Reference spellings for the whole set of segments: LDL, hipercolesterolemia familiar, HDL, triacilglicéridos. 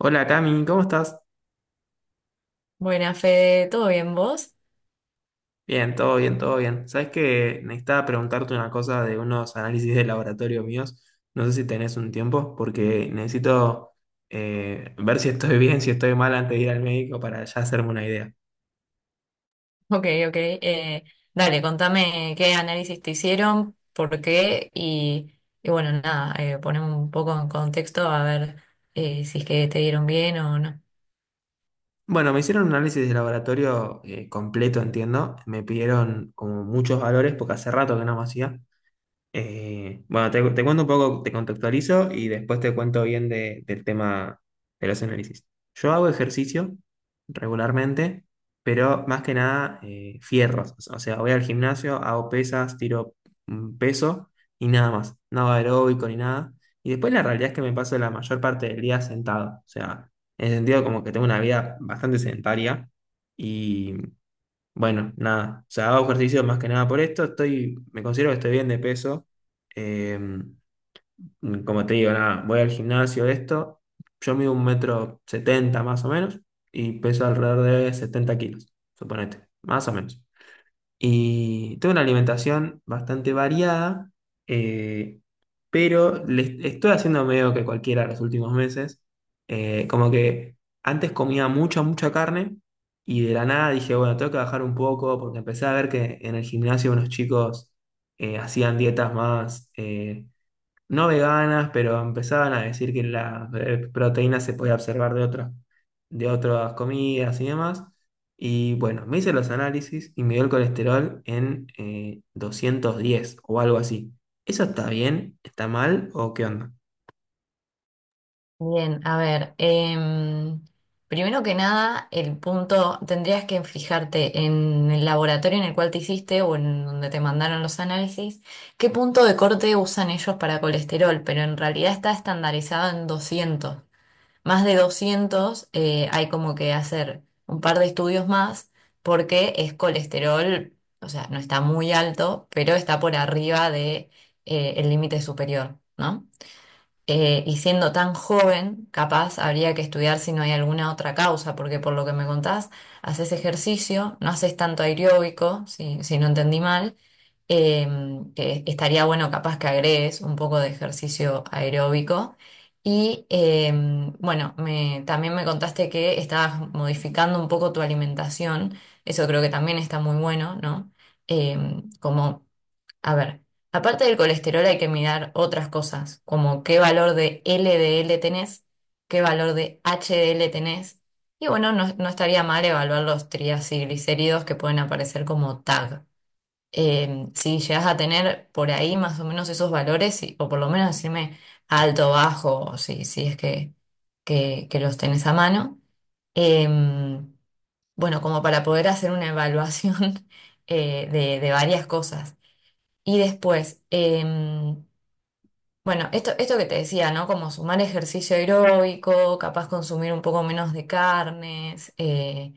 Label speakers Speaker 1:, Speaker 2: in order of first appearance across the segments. Speaker 1: Hola Cami, ¿cómo estás?
Speaker 2: Buena, Fede, ¿todo bien vos?
Speaker 1: Bien, todo bien, todo bien. Sabes que necesitaba preguntarte una cosa de unos análisis de laboratorio míos. No sé si tenés un tiempo, porque necesito ver si estoy bien, si estoy mal antes de ir al médico para ya hacerme una idea.
Speaker 2: Ok, ok. Dale, contame qué análisis te hicieron, por qué y bueno, nada, poneme un poco en contexto a ver si es que te dieron bien o no.
Speaker 1: Bueno, me hicieron un análisis de laboratorio completo, entiendo. Me pidieron como muchos valores, porque hace rato que no me hacía. Bueno, te cuento un poco, te contextualizo y después te cuento bien del tema de los análisis. Yo hago ejercicio regularmente, pero más que nada fierros. O sea, voy al gimnasio, hago pesas, tiro peso y nada más. No hago aeróbico ni nada. Y después la realidad es que me paso la mayor parte del día sentado. O sea, en el sentido como que tengo una vida bastante sedentaria, bueno, nada, o sea, hago ejercicio más que nada por esto, estoy, me considero que estoy bien de peso. Eh, Como te digo, nada, voy al gimnasio, esto, yo mido un metro 70 más o menos y peso alrededor de 70 kilos, suponete, más o menos. Y tengo una alimentación bastante variada, eh, pero le estoy haciendo medio que cualquiera los últimos meses. Como que antes comía mucha, mucha carne y de la nada dije, bueno, tengo que bajar un poco porque empecé a ver que en el gimnasio unos chicos hacían dietas más... no veganas, pero empezaban a decir que la proteínas se podía observar de otras comidas y demás. Y bueno, me hice los análisis y me dio el colesterol en 210 o algo así. ¿Eso está bien? ¿Está mal? ¿O qué onda?
Speaker 2: Bien, a ver, primero que nada, el punto, tendrías que fijarte en el laboratorio en el cual te hiciste o en donde te mandaron los análisis, qué punto de corte usan ellos para colesterol, pero en realidad está estandarizado en 200. Más de 200 hay como que hacer un par de estudios más porque es colesterol, o sea, no está muy alto, pero está por arriba de, el límite superior, ¿no? Y siendo tan joven, capaz habría que estudiar si no hay alguna otra causa, porque por lo que me contás, haces ejercicio, no haces tanto aeróbico, si no entendí mal, que estaría bueno capaz que agregues un poco de ejercicio aeróbico. Y em, bueno, me, también me contaste que estabas modificando un poco tu alimentación, eso creo que también está muy bueno, ¿no? Em, como a ver, aparte del colesterol hay que mirar otras cosas, como qué valor de LDL tenés, qué valor de HDL tenés, y bueno, no, no estaría mal evaluar los triacilglicéridos que pueden aparecer como tag. Si llegas a tener por ahí más o menos esos valores, y- o por lo menos decirme alto, bajo, o si, si es que los tenés a mano. Em, bueno, como para poder hacer una evaluación de varias cosas. Y después, em, bueno, esto que te decía, ¿no? Como sumar ejercicio aeróbico, capaz consumir un poco menos de carnes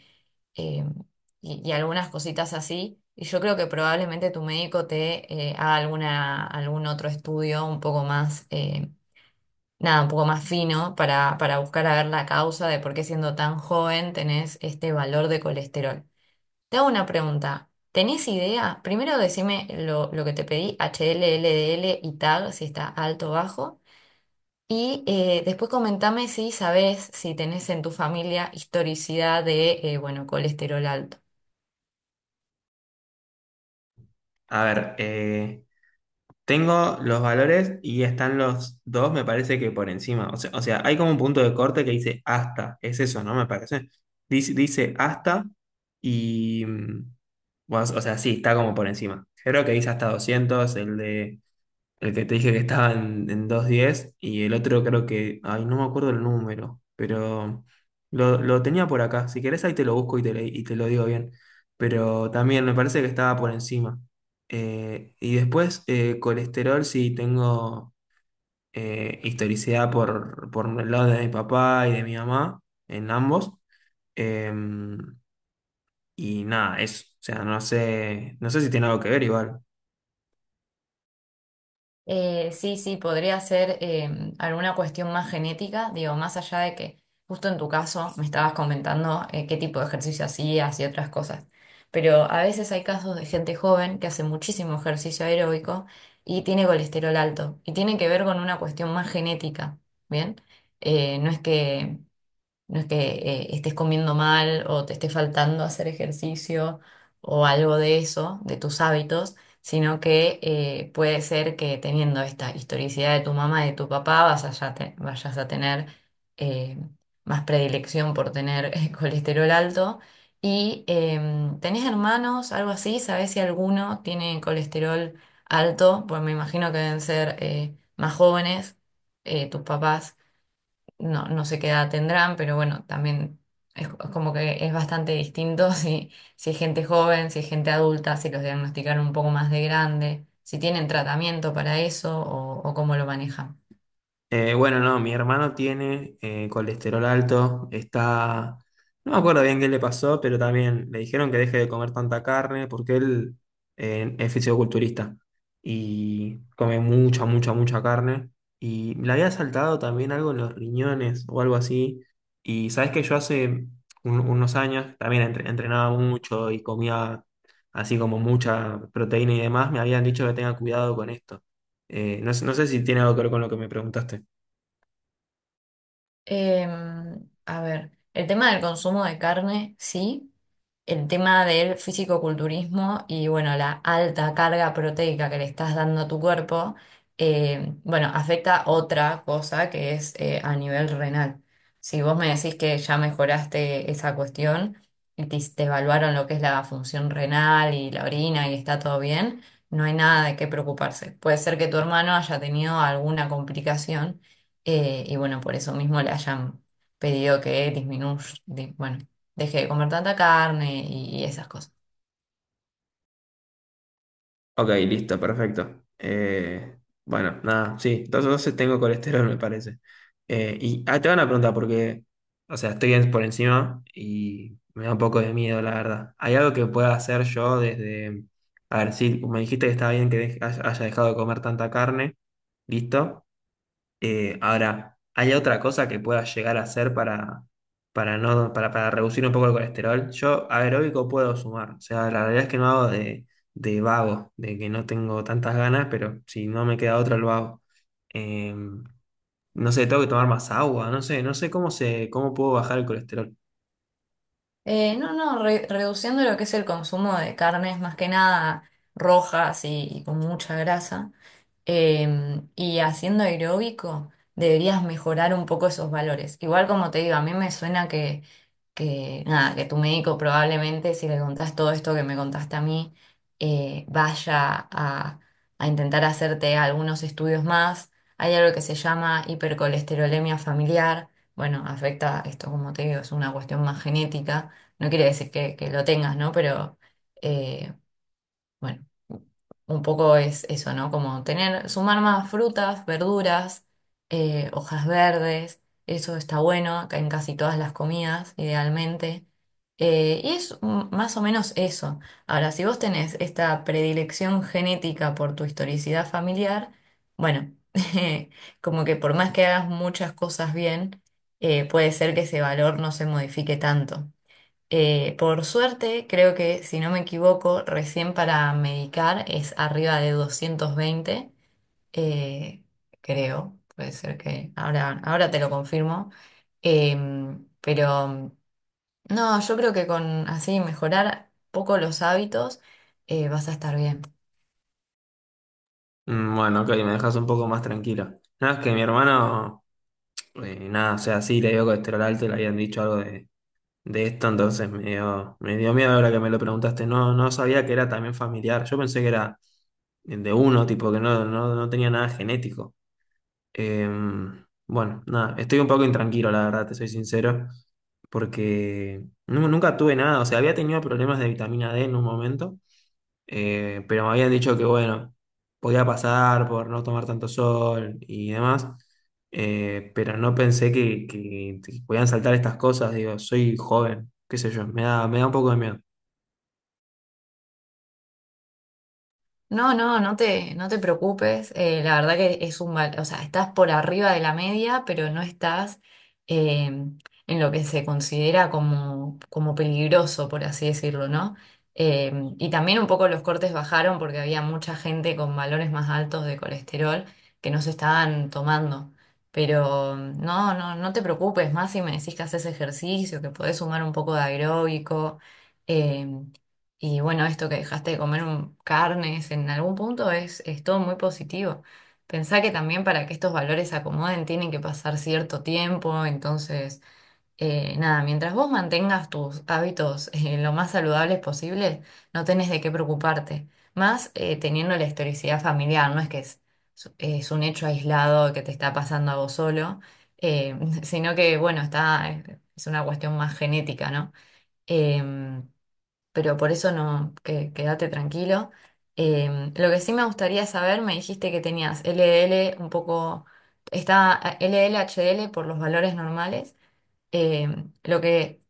Speaker 2: em, y algunas cositas así. Y yo creo que probablemente tu médico te haga alguna, algún otro estudio un poco más, nada, un poco más fino para buscar a ver la causa de por qué siendo tan joven tenés este valor de colesterol. Te hago una pregunta. ¿Tenés idea? Primero decime lo que te pedí, H L L D L y tag, si está alto o bajo. Y después comentame si sabés, si tenés en tu familia historicidad de, bueno, colesterol alto.
Speaker 1: A ver, tengo los valores y están los dos, me parece que por encima. O sea, hay como un punto de corte que dice hasta. Es eso, ¿no? Me parece. Dice hasta y... bueno, o sea, sí, está como por encima. Creo que dice hasta 200 el de el que te dije que estaba en 210 y el otro creo que, ay, no me acuerdo el número, pero lo tenía por acá. Si querés ahí te lo busco y te, y te lo digo bien. Pero también me parece que estaba por encima. Y después colesterol sí tengo, historicidad por el lado de mi papá y de mi mamá, en ambos. Em, y nada, eso. O sea, no sé, no sé si tiene algo que ver igual.
Speaker 2: Sí, sí, podría ser alguna cuestión más genética, digo, más allá de que justo en tu caso me estabas comentando qué tipo de ejercicio hacías y otras cosas, pero a veces hay casos de gente joven que hace muchísimo ejercicio aeróbico y tiene colesterol alto y tiene que ver con una cuestión más genética, ¿bien? Eh, no es que no es que estés comiendo mal o te esté faltando hacer ejercicio o algo de eso, de tus hábitos, sino que puede ser que teniendo esta historicidad de tu mamá y de tu papá vas a ya te- vayas a tener eh, más predilección por tener colesterol alto. Y em, ¿tenés hermanos, algo así? ¿Sabés si alguno tiene colesterol alto? Pues me imagino que deben ser más jóvenes tus papás. No, no sé qué edad tendrán, pero bueno, también es, co- como que es bastante distinto si, si es gente joven, si es gente adulta, si los diagnosticaron un poco más de grande, si tienen tratamiento para eso o cómo lo manejan.
Speaker 1: Bueno, no, mi hermano tiene colesterol alto, está... No me acuerdo bien qué le pasó, pero también le dijeron que deje de comer tanta carne porque él es fisioculturista y come mucha, mucha, mucha carne. Y le había saltado también algo en los riñones o algo así. Y sabes que yo hace unos años también entrenaba mucho y comía así como mucha proteína y demás. Me habían dicho que tenga cuidado con esto. No, no sé si tiene algo que ver con lo que me preguntaste.
Speaker 2: Em, a ver, el tema del consumo de carne, sí. El tema del fisicoculturismo y bueno, la alta carga proteica que le estás dando a tu cuerpo, em, bueno, afecta otra cosa que es a nivel renal. Si vos me decís que ya mejoraste esa cuestión y te evaluaron lo que es la función renal y la orina y está todo bien, no hay nada de qué preocuparse. Puede ser que tu hermano haya tenido alguna complicación y bueno, por eso mismo le hayan pedido que disminuya, di- bueno, deje de comer tanta carne y esas cosas.
Speaker 1: Ok, listo, perfecto. Bueno, nada, sí, entonces tengo colesterol, me parece. Y ah, te van a preguntar porque, o sea, estoy por encima y me da un poco de miedo, la verdad. ¿Hay algo que pueda hacer yo desde... A ver, sí, me dijiste que está bien que haya dejado de comer tanta carne, listo. Ahora, ¿hay otra cosa que pueda llegar a hacer para, no, para reducir un poco el colesterol? Yo aeróbico puedo sumar, o sea, la realidad es que no hago de vago, de que no tengo tantas ganas, pero si no me queda otra lo hago. Eh, no sé, tengo que tomar más agua, no sé, no sé cómo se, cómo puedo bajar el colesterol.
Speaker 2: No, no, re- reduciendo lo que es el consumo de carnes, más que nada rojas y con mucha grasa. Y haciendo aeróbico deberías mejorar un poco esos valores. Igual como te digo, a mí me suena que, nada, que tu médico probablemente, si le contás todo esto que me contaste a mí, vaya a intentar hacerte algunos estudios más. Hay algo que se llama hipercolesterolemia familiar. Bueno, afecta, esto como te digo, es una cuestión más genética. No quiere decir que lo tengas, ¿no? Pero... eh, bueno, un poco es eso, ¿no? Como tener, sumar más frutas, verduras, hojas verdes, eso está bueno, acá en casi todas las comidas, idealmente. Y es mm, más o menos eso. Ahora, si vos tenés esta predilección genética por tu historicidad familiar, bueno, como que por más que hagas muchas cosas bien, puede ser que ese valor no se modifique tanto. Por suerte, creo que, si no me equivoco, recién para medicar es arriba de 220, eh, creo, puede ser que, ahora, ahora te lo confirmo. Em, pero no, yo creo que con así mejorar poco los hábitos, vas a estar bien.
Speaker 1: Mm, bueno, ok, me dejas un poco más tranquilo. Nada, es que mi hermano, nada, o sea, sí le dio colesterol alto, le habían dicho algo de esto, entonces me dio miedo ahora que me lo preguntaste. No, no sabía que era también familiar. Yo pensé que era de uno, tipo, que no, no, no tenía nada genético. Eh, bueno, nada, estoy un poco intranquilo, la verdad, te soy sincero, porque nunca tuve nada. O sea, había tenido problemas de vitamina D en un momento. Pero me habían dicho que, bueno, podía pasar por no tomar tanto sol y demás. Pero no pensé que, que podían saltar estas cosas. Digo, soy joven, qué sé yo, me da un poco de miedo.
Speaker 2: No, no, no te preocupes. Eh, la verdad que es un val- o sea, estás por arriba de la media, pero no estás en lo que se considera como, como peligroso, por así decirlo, ¿no? Eh, y también un poco los cortes bajaron porque había mucha gente con valores más altos de colesterol que no se estaban tomando. Pero no, no, no te preocupes, más si me decís que haces ejercicio, que podés sumar un poco de aeróbico. Eh, y bueno, esto que dejaste de comer un- carnes en algún punto es todo muy positivo. Pensá que también para que estos valores se acomoden tienen que pasar cierto tiempo, entonces, nada, mientras vos mantengas tus hábitos lo más saludables posible, no tenés de qué preocuparte. Más teniendo la historicidad familiar, no es que es un hecho aislado que te está pasando a vos solo, eh, sino que, bueno, está, es una cuestión más genética, ¿no? Em, pero por eso no, que, quédate tranquilo. Em, lo que sí me gustaría saber, me dijiste que tenías L D L un poco, está LDL, L H D L por los valores normales. Em, lo que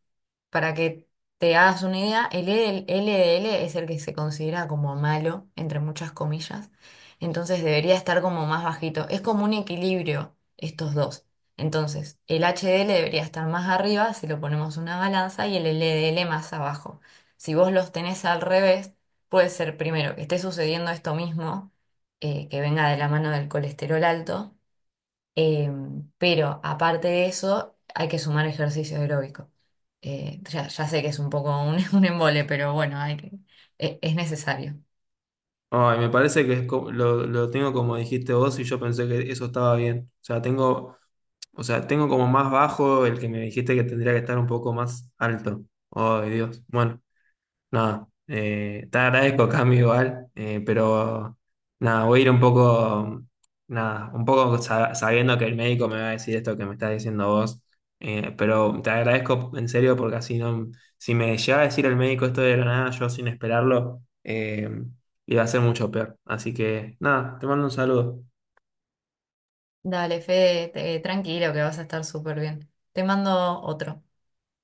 Speaker 2: para que te hagas una idea, el LDL es el que se considera como malo, entre muchas comillas. Entonces debería estar como más bajito. Es como un equilibrio estos dos. Entonces, el HDL debería estar más arriba si lo ponemos en una balanza y el LDL más abajo. Si vos los tenés al revés, puede ser primero que esté sucediendo esto mismo, que venga de la mano del colesterol alto. Em, pero aparte de eso, hay que sumar ejercicio aeróbico. Ya sé que es un poco un, un embole, pero bueno, hay que, e- es necesario.
Speaker 1: Ay, me parece que es lo tengo como dijiste vos y yo pensé que eso estaba bien. O sea, tengo como más bajo el que me dijiste que tendría que estar un poco más alto. Ay, Dios. Bueno. No, te agradezco, Cami, igual, pero nada, voy a ir un poco, nada, un poco sabiendo que el médico me va a decir esto que me estás diciendo vos, pero te agradezco en serio porque así no, si me llega a decir el médico esto de la nada, yo sin esperarlo, iba a ser mucho peor. Así que nada, te mando un saludo.
Speaker 2: Dale, Fede, te- tranquilo que vas a estar súper bien. Te mando otro.